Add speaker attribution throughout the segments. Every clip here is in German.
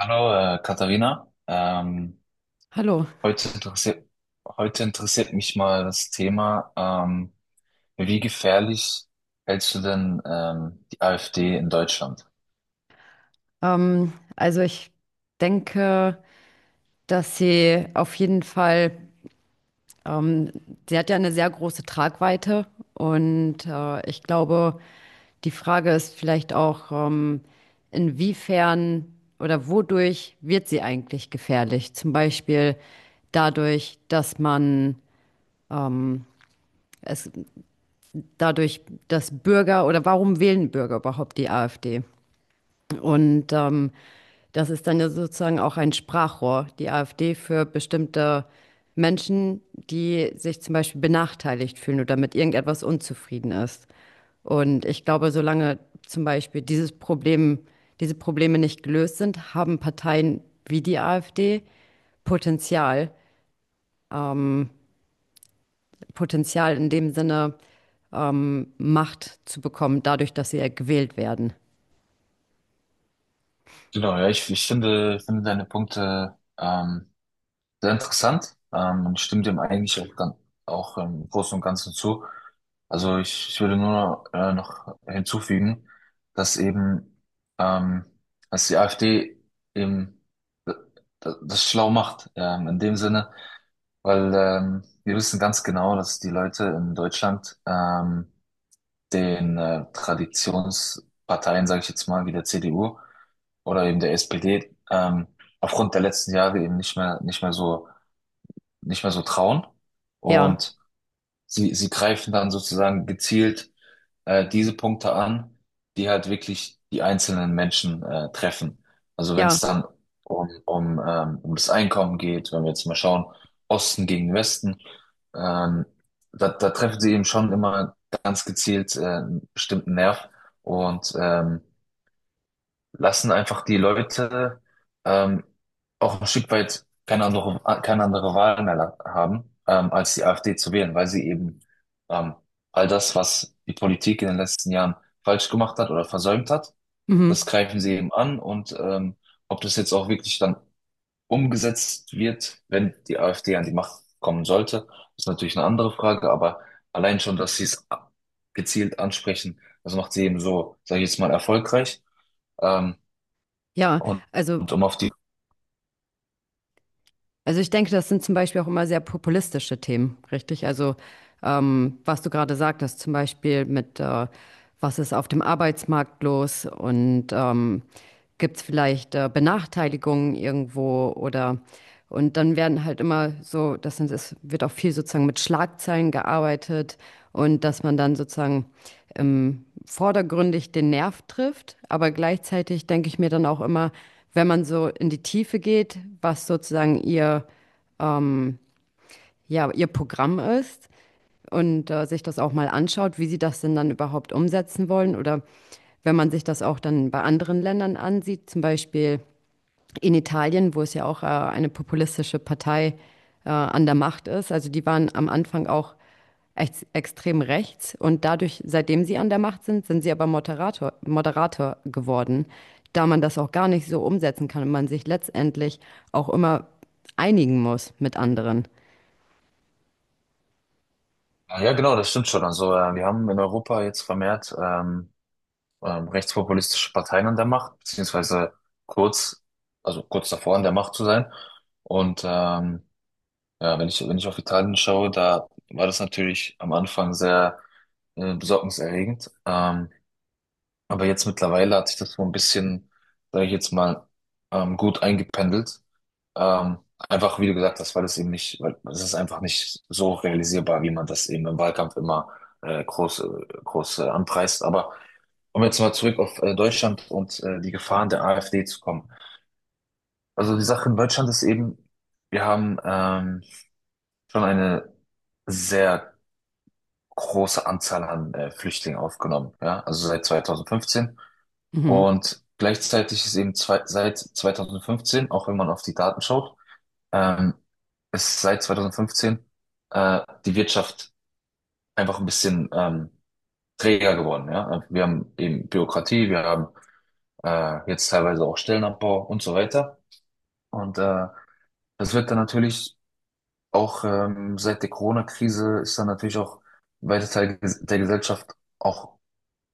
Speaker 1: Hallo, Katharina.
Speaker 2: Hallo.
Speaker 1: Heute interessiert, Heute interessiert mich mal das Thema, wie gefährlich hältst du denn die AfD in Deutschland?
Speaker 2: Also ich denke, dass sie auf jeden Fall, ähm, sie hat ja eine sehr große Tragweite und ich glaube, die Frage ist vielleicht auch, inwiefern oder wodurch wird sie eigentlich gefährlich? Zum Beispiel dadurch, dass man es, dadurch, dass Bürger oder warum wählen Bürger überhaupt die AfD? Und das ist dann ja sozusagen auch ein Sprachrohr, die AfD für bestimmte Menschen, die sich zum Beispiel benachteiligt fühlen oder mit irgendetwas unzufrieden ist. Und ich glaube, solange zum Beispiel dieses Problem, diese Probleme nicht gelöst sind, haben Parteien wie die AfD Potenzial, ähm, Potenzial in dem Sinne, Macht zu bekommen, dadurch, dass sie ja gewählt werden.
Speaker 1: Genau, ja, ich finde, finde deine Punkte sehr interessant und stimme dem eigentlich auch, auch im Großen und Ganzen zu. Also ich würde nur noch hinzufügen, dass ähm, dass die AfD eben d- das schlau macht, in dem Sinne, weil wir wissen ganz genau, dass die Leute in Deutschland den Traditionsparteien, sage ich jetzt mal, wie der CDU oder eben der SPD, aufgrund der letzten Jahre eben nicht mehr so trauen.
Speaker 2: Ja,
Speaker 1: Und sie greifen dann sozusagen gezielt diese Punkte an, die halt wirklich die einzelnen Menschen treffen. Also wenn
Speaker 2: ja,
Speaker 1: es dann um das Einkommen geht, wenn wir jetzt mal schauen, Osten gegen Westen, ähm, da treffen sie eben schon immer ganz gezielt einen bestimmten Nerv. Und lassen einfach die Leute ähm, auch ein Stück weit keine andere Wahl mehr haben, als die AfD zu wählen, weil sie eben ähm, all das, was die Politik in den letzten Jahren falsch gemacht hat oder versäumt hat, das
Speaker 2: mhm.
Speaker 1: greifen sie eben an. Ob das jetzt auch wirklich dann umgesetzt wird, wenn die AfD an die Macht kommen sollte, ist natürlich eine andere Frage, aber allein schon, dass sie es gezielt ansprechen, das macht sie eben so, sage ich jetzt mal, erfolgreich. Ähm,
Speaker 2: Ja,
Speaker 1: und,
Speaker 2: also
Speaker 1: und um auf die,
Speaker 2: also ich denke, das sind zum Beispiel auch immer sehr populistische Themen, richtig? Also was du gerade sagtest, zum Beispiel mit, was ist auf dem Arbeitsmarkt los und gibt es vielleicht Benachteiligungen irgendwo oder und dann werden halt immer so, das sind, es wird auch viel sozusagen mit Schlagzeilen gearbeitet und dass man dann sozusagen vordergründig den Nerv trifft, aber gleichzeitig denke ich mir dann auch immer, wenn man so in die Tiefe geht, was sozusagen ihr, ja, ihr Programm ist und sich das auch mal anschaut, wie sie das denn dann überhaupt umsetzen wollen oder wenn man sich das auch dann bei anderen Ländern ansieht, zum Beispiel in Italien, wo es ja auch eine populistische Partei an der Macht ist. Also die waren am Anfang auch ex extrem rechts und dadurch, seitdem sie an der Macht sind, sind sie aber Moderator, Moderator geworden, da man das auch gar nicht so umsetzen kann und man sich letztendlich auch immer einigen muss mit anderen.
Speaker 1: ja genau, das stimmt schon. Also wir haben in Europa jetzt vermehrt rechtspopulistische Parteien an der Macht, beziehungsweise kurz, also kurz davor an der Macht zu sein. Und ja, wenn ich auf Italien schaue, da war das natürlich am Anfang sehr besorgniserregend. Aber jetzt mittlerweile hat sich das so ein bisschen, sage ich jetzt mal, gut eingependelt. Ähm, Einfach, wie du gesagt hast, weil es ist einfach nicht so realisierbar, wie man das eben im Wahlkampf immer äh, groß, äh, groß anpreist. Aber um jetzt mal zurück auf Deutschland und die Gefahren der AfD zu kommen. Also die Sache in Deutschland ist eben, wir haben schon eine sehr große Anzahl an Flüchtlingen aufgenommen, ja, also seit 2015.
Speaker 2: Mhm.
Speaker 1: Und gleichzeitig ist eben seit 2015, auch wenn man auf die Daten schaut, ähm, ist seit 2015 äh, die Wirtschaft einfach ein bisschen träger geworden. Ja? Wir haben eben Bürokratie, wir haben jetzt teilweise auch Stellenabbau und so weiter. Und das wird dann natürlich auch, seit der Corona-Krise, ist dann natürlich auch weite Teile der Gesellschaft auch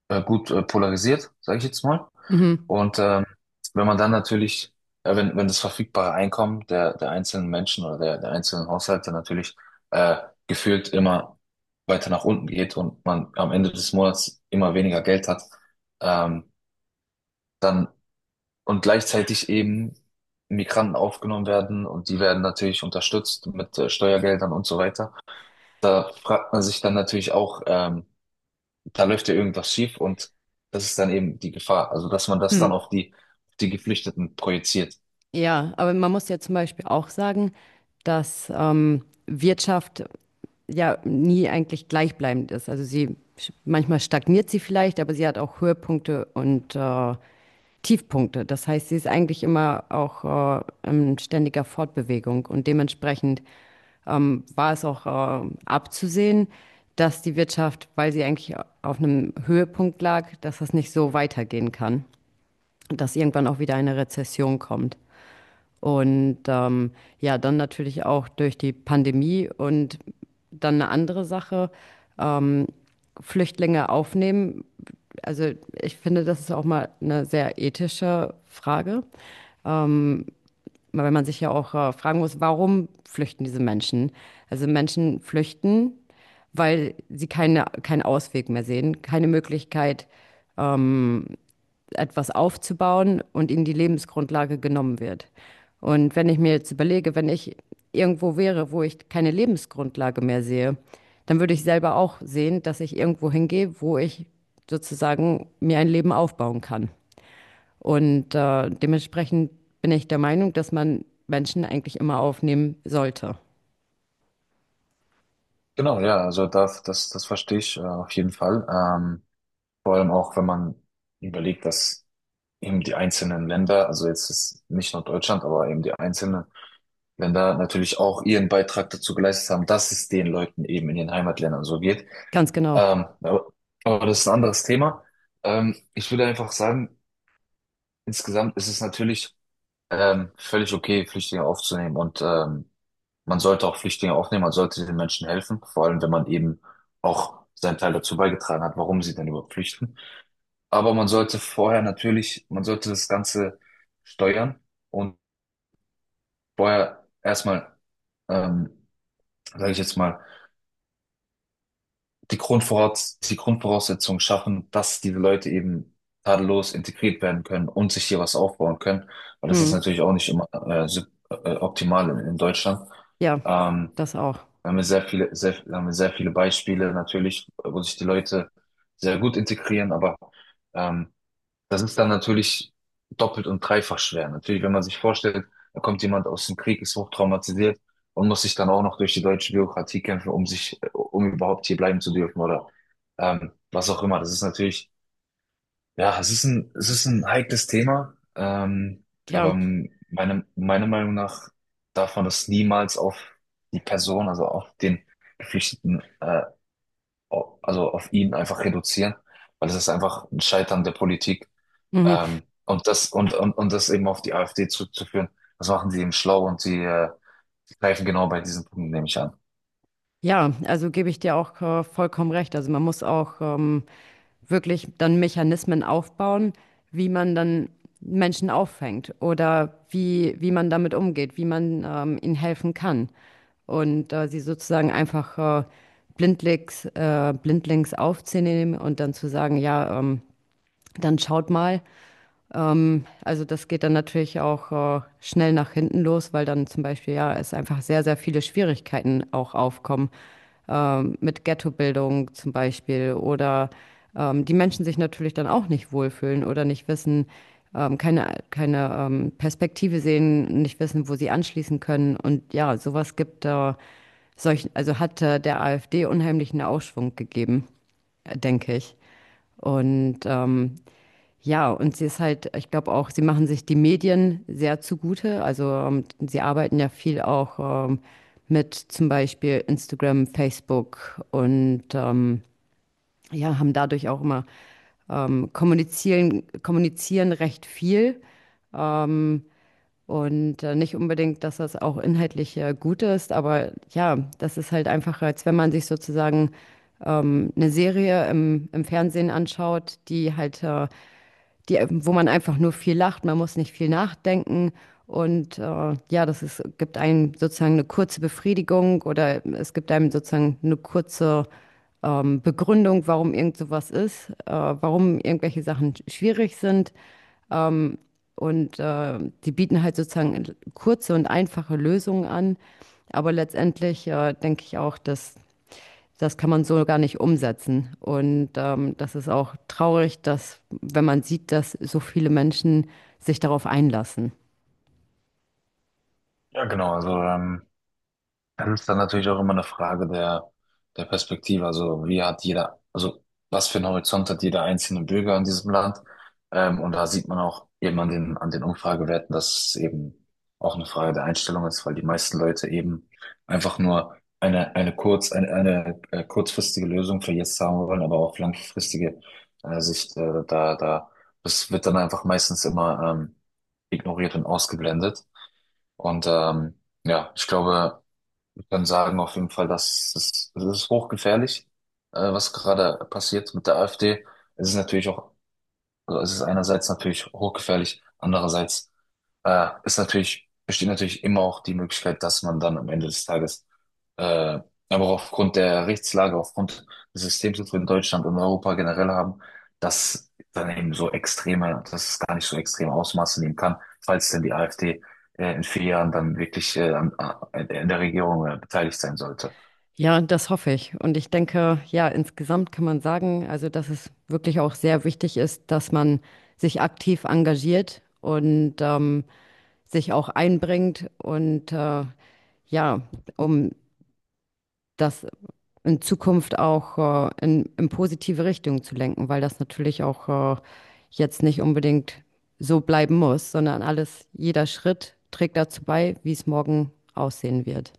Speaker 1: gut polarisiert, sage ich jetzt mal.
Speaker 2: Mhm.
Speaker 1: Und wenn man dann natürlich, wenn das verfügbare Einkommen der einzelnen Menschen oder der einzelnen Haushalte natürlich äh, gefühlt immer weiter nach unten geht und man am Ende des Monats immer weniger Geld hat, ähm, dann und gleichzeitig eben Migranten aufgenommen werden, und die werden natürlich unterstützt mit Steuergeldern und so weiter. Da fragt man sich dann natürlich auch, da läuft ja irgendwas schief, und das ist dann eben die Gefahr. Also, dass man das dann
Speaker 2: Mhm.
Speaker 1: auf die Geflüchteten projiziert.
Speaker 2: Ja, aber man muss ja zum Beispiel auch sagen, dass Wirtschaft ja nie eigentlich gleichbleibend ist. Also sie manchmal stagniert sie vielleicht, aber sie hat auch Höhepunkte und Tiefpunkte. Das heißt, sie ist eigentlich immer auch in ständiger Fortbewegung und dementsprechend war es auch abzusehen, dass die Wirtschaft, weil sie eigentlich auf einem Höhepunkt lag, dass das nicht so weitergehen kann, dass irgendwann auch wieder eine Rezession kommt. Und ja, dann natürlich auch durch die Pandemie und dann eine andere Sache, Flüchtlinge aufnehmen? Also ich finde, das ist auch mal eine sehr ethische Frage, weil man sich ja auch fragen muss, warum flüchten diese Menschen? Also Menschen flüchten, weil sie keinen Ausweg mehr sehen, keine Möglichkeit, etwas aufzubauen und ihnen die Lebensgrundlage genommen wird. Und wenn ich mir jetzt überlege, wenn ich irgendwo wäre, wo ich keine Lebensgrundlage mehr sehe, dann würde ich selber auch sehen, dass ich irgendwo hingehe, wo ich sozusagen mir ein Leben aufbauen kann. Und dementsprechend bin ich der Meinung, dass man Menschen eigentlich immer aufnehmen sollte.
Speaker 1: Genau, ja, also das verstehe ich auf jeden Fall. Vor allem auch, wenn man überlegt, dass eben die einzelnen Länder, also jetzt ist nicht nur Deutschland, aber eben die einzelnen Länder natürlich auch ihren Beitrag dazu geleistet haben, dass es den Leuten eben in den Heimatländern so geht.
Speaker 2: Ganz genau.
Speaker 1: Ähm, aber, aber das ist ein anderes Thema. Ich würde einfach sagen, insgesamt ist es natürlich völlig okay, Flüchtlinge aufzunehmen, und man sollte auch Flüchtlinge aufnehmen, man sollte den Menschen helfen, vor allem wenn man eben auch seinen Teil dazu beigetragen hat, warum sie denn überhaupt flüchten. Aber man sollte vorher natürlich, man sollte das Ganze steuern und vorher erstmal, ähm, sage ich jetzt mal, die Grundvoraussetzungen schaffen, dass diese Leute eben tadellos integriert werden können und sich hier was aufbauen können, weil das ist
Speaker 2: Hm.
Speaker 1: natürlich auch nicht immer optimal in Deutschland.
Speaker 2: Ja,
Speaker 1: Ähm,
Speaker 2: das auch.
Speaker 1: Da haben wir da haben wir sehr viele Beispiele natürlich, wo sich die Leute sehr gut integrieren, aber ähm, das ist dann natürlich doppelt und dreifach schwer. Natürlich, wenn man sich vorstellt, da kommt jemand aus dem Krieg, ist hochtraumatisiert und muss sich dann auch noch durch die deutsche Bürokratie kämpfen, um sich, um überhaupt hier bleiben zu dürfen oder was auch immer. Das ist natürlich, ja, es ist es ist ein heikles Thema,
Speaker 2: Ja,
Speaker 1: aber meiner Meinung nach darf man das niemals auf die Person, also auf den Geflüchteten, also auf ihn einfach reduzieren, weil es ist einfach ein Scheitern der Politik.
Speaker 2: mhm.
Speaker 1: Und das eben auf die AfD zurückzuführen, das machen sie eben schlau, und sie greifen genau bei diesen Punkten, nehme ich an.
Speaker 2: Ja, also gebe ich dir auch vollkommen recht. Also man muss auch wirklich dann Mechanismen aufbauen, wie man dann Menschen auffängt oder wie man damit umgeht, wie man ihnen helfen kann. Und sie sozusagen einfach blindlings, blindlings aufzunehmen und dann zu sagen, ja, dann schaut mal, also das geht dann natürlich auch schnell nach hinten los, weil dann zum Beispiel ja es einfach sehr, sehr viele Schwierigkeiten auch aufkommen mit Ghettobildung zum Beispiel oder die Menschen sich natürlich dann auch nicht wohlfühlen oder nicht wissen, keine Perspektive sehen, nicht wissen, wo sie anschließen können. Und ja, sowas gibt solch, also hat der AfD unheimlichen Aufschwung gegeben, denke ich. Und ja, und sie ist halt, ich glaube auch, sie machen sich die Medien sehr zugute. Also sie arbeiten ja viel auch mit zum Beispiel Instagram, Facebook und ja, haben dadurch auch immer kommunizieren recht viel. Und nicht unbedingt, dass das auch inhaltlich gut ist, aber ja, das ist halt einfach, als wenn man sich sozusagen eine Serie im Fernsehen anschaut, die halt die, wo man einfach nur viel lacht, man muss nicht viel nachdenken. Und ja, das ist, gibt einem sozusagen eine kurze Befriedigung oder es gibt einem sozusagen eine kurze Begründung, warum irgend sowas ist, warum irgendwelche Sachen schwierig sind. Und die bieten halt sozusagen kurze und einfache Lösungen an. Aber letztendlich denke ich auch, dass das kann man so gar nicht umsetzen. Und das ist auch traurig, dass, wenn man sieht, dass so viele Menschen sich darauf einlassen.
Speaker 1: Ja, genau, also das ist dann natürlich auch immer eine Frage der Perspektive. Also wie hat jeder, also was für einen Horizont hat jeder einzelne Bürger in diesem Land? Und da sieht man auch eben an an den Umfragewerten, dass es eben auch eine Frage der Einstellung ist, weil die meisten Leute eben einfach nur eine kurzfristige Lösung für jetzt haben wollen, aber auf langfristige Sicht da, das wird dann einfach meistens immer ignoriert und ausgeblendet. Und ja, ich glaube, kann sagen auf jeden Fall, dass das ist hochgefährlich, was gerade passiert mit der AfD. Es ist natürlich auch, also es ist einerseits natürlich hochgefährlich, andererseits besteht natürlich immer auch die Möglichkeit, dass man dann am Ende des Tages, äh, aber auch aufgrund der Rechtslage, aufgrund des Systems, das wir in Deutschland und Europa generell haben, dass es gar nicht so extreme Ausmaße nehmen kann, falls denn die AfD in 4 Jahren dann wirklich in der Regierung beteiligt sein sollte.
Speaker 2: Ja, und das hoffe ich. Und ich denke, ja, insgesamt kann man sagen, also, dass es wirklich auch sehr wichtig ist, dass man sich aktiv engagiert und sich auch einbringt und ja, um das in Zukunft auch in positive Richtung zu lenken, weil das natürlich auch jetzt nicht unbedingt so bleiben muss, sondern alles, jeder Schritt trägt dazu bei, wie es morgen aussehen wird.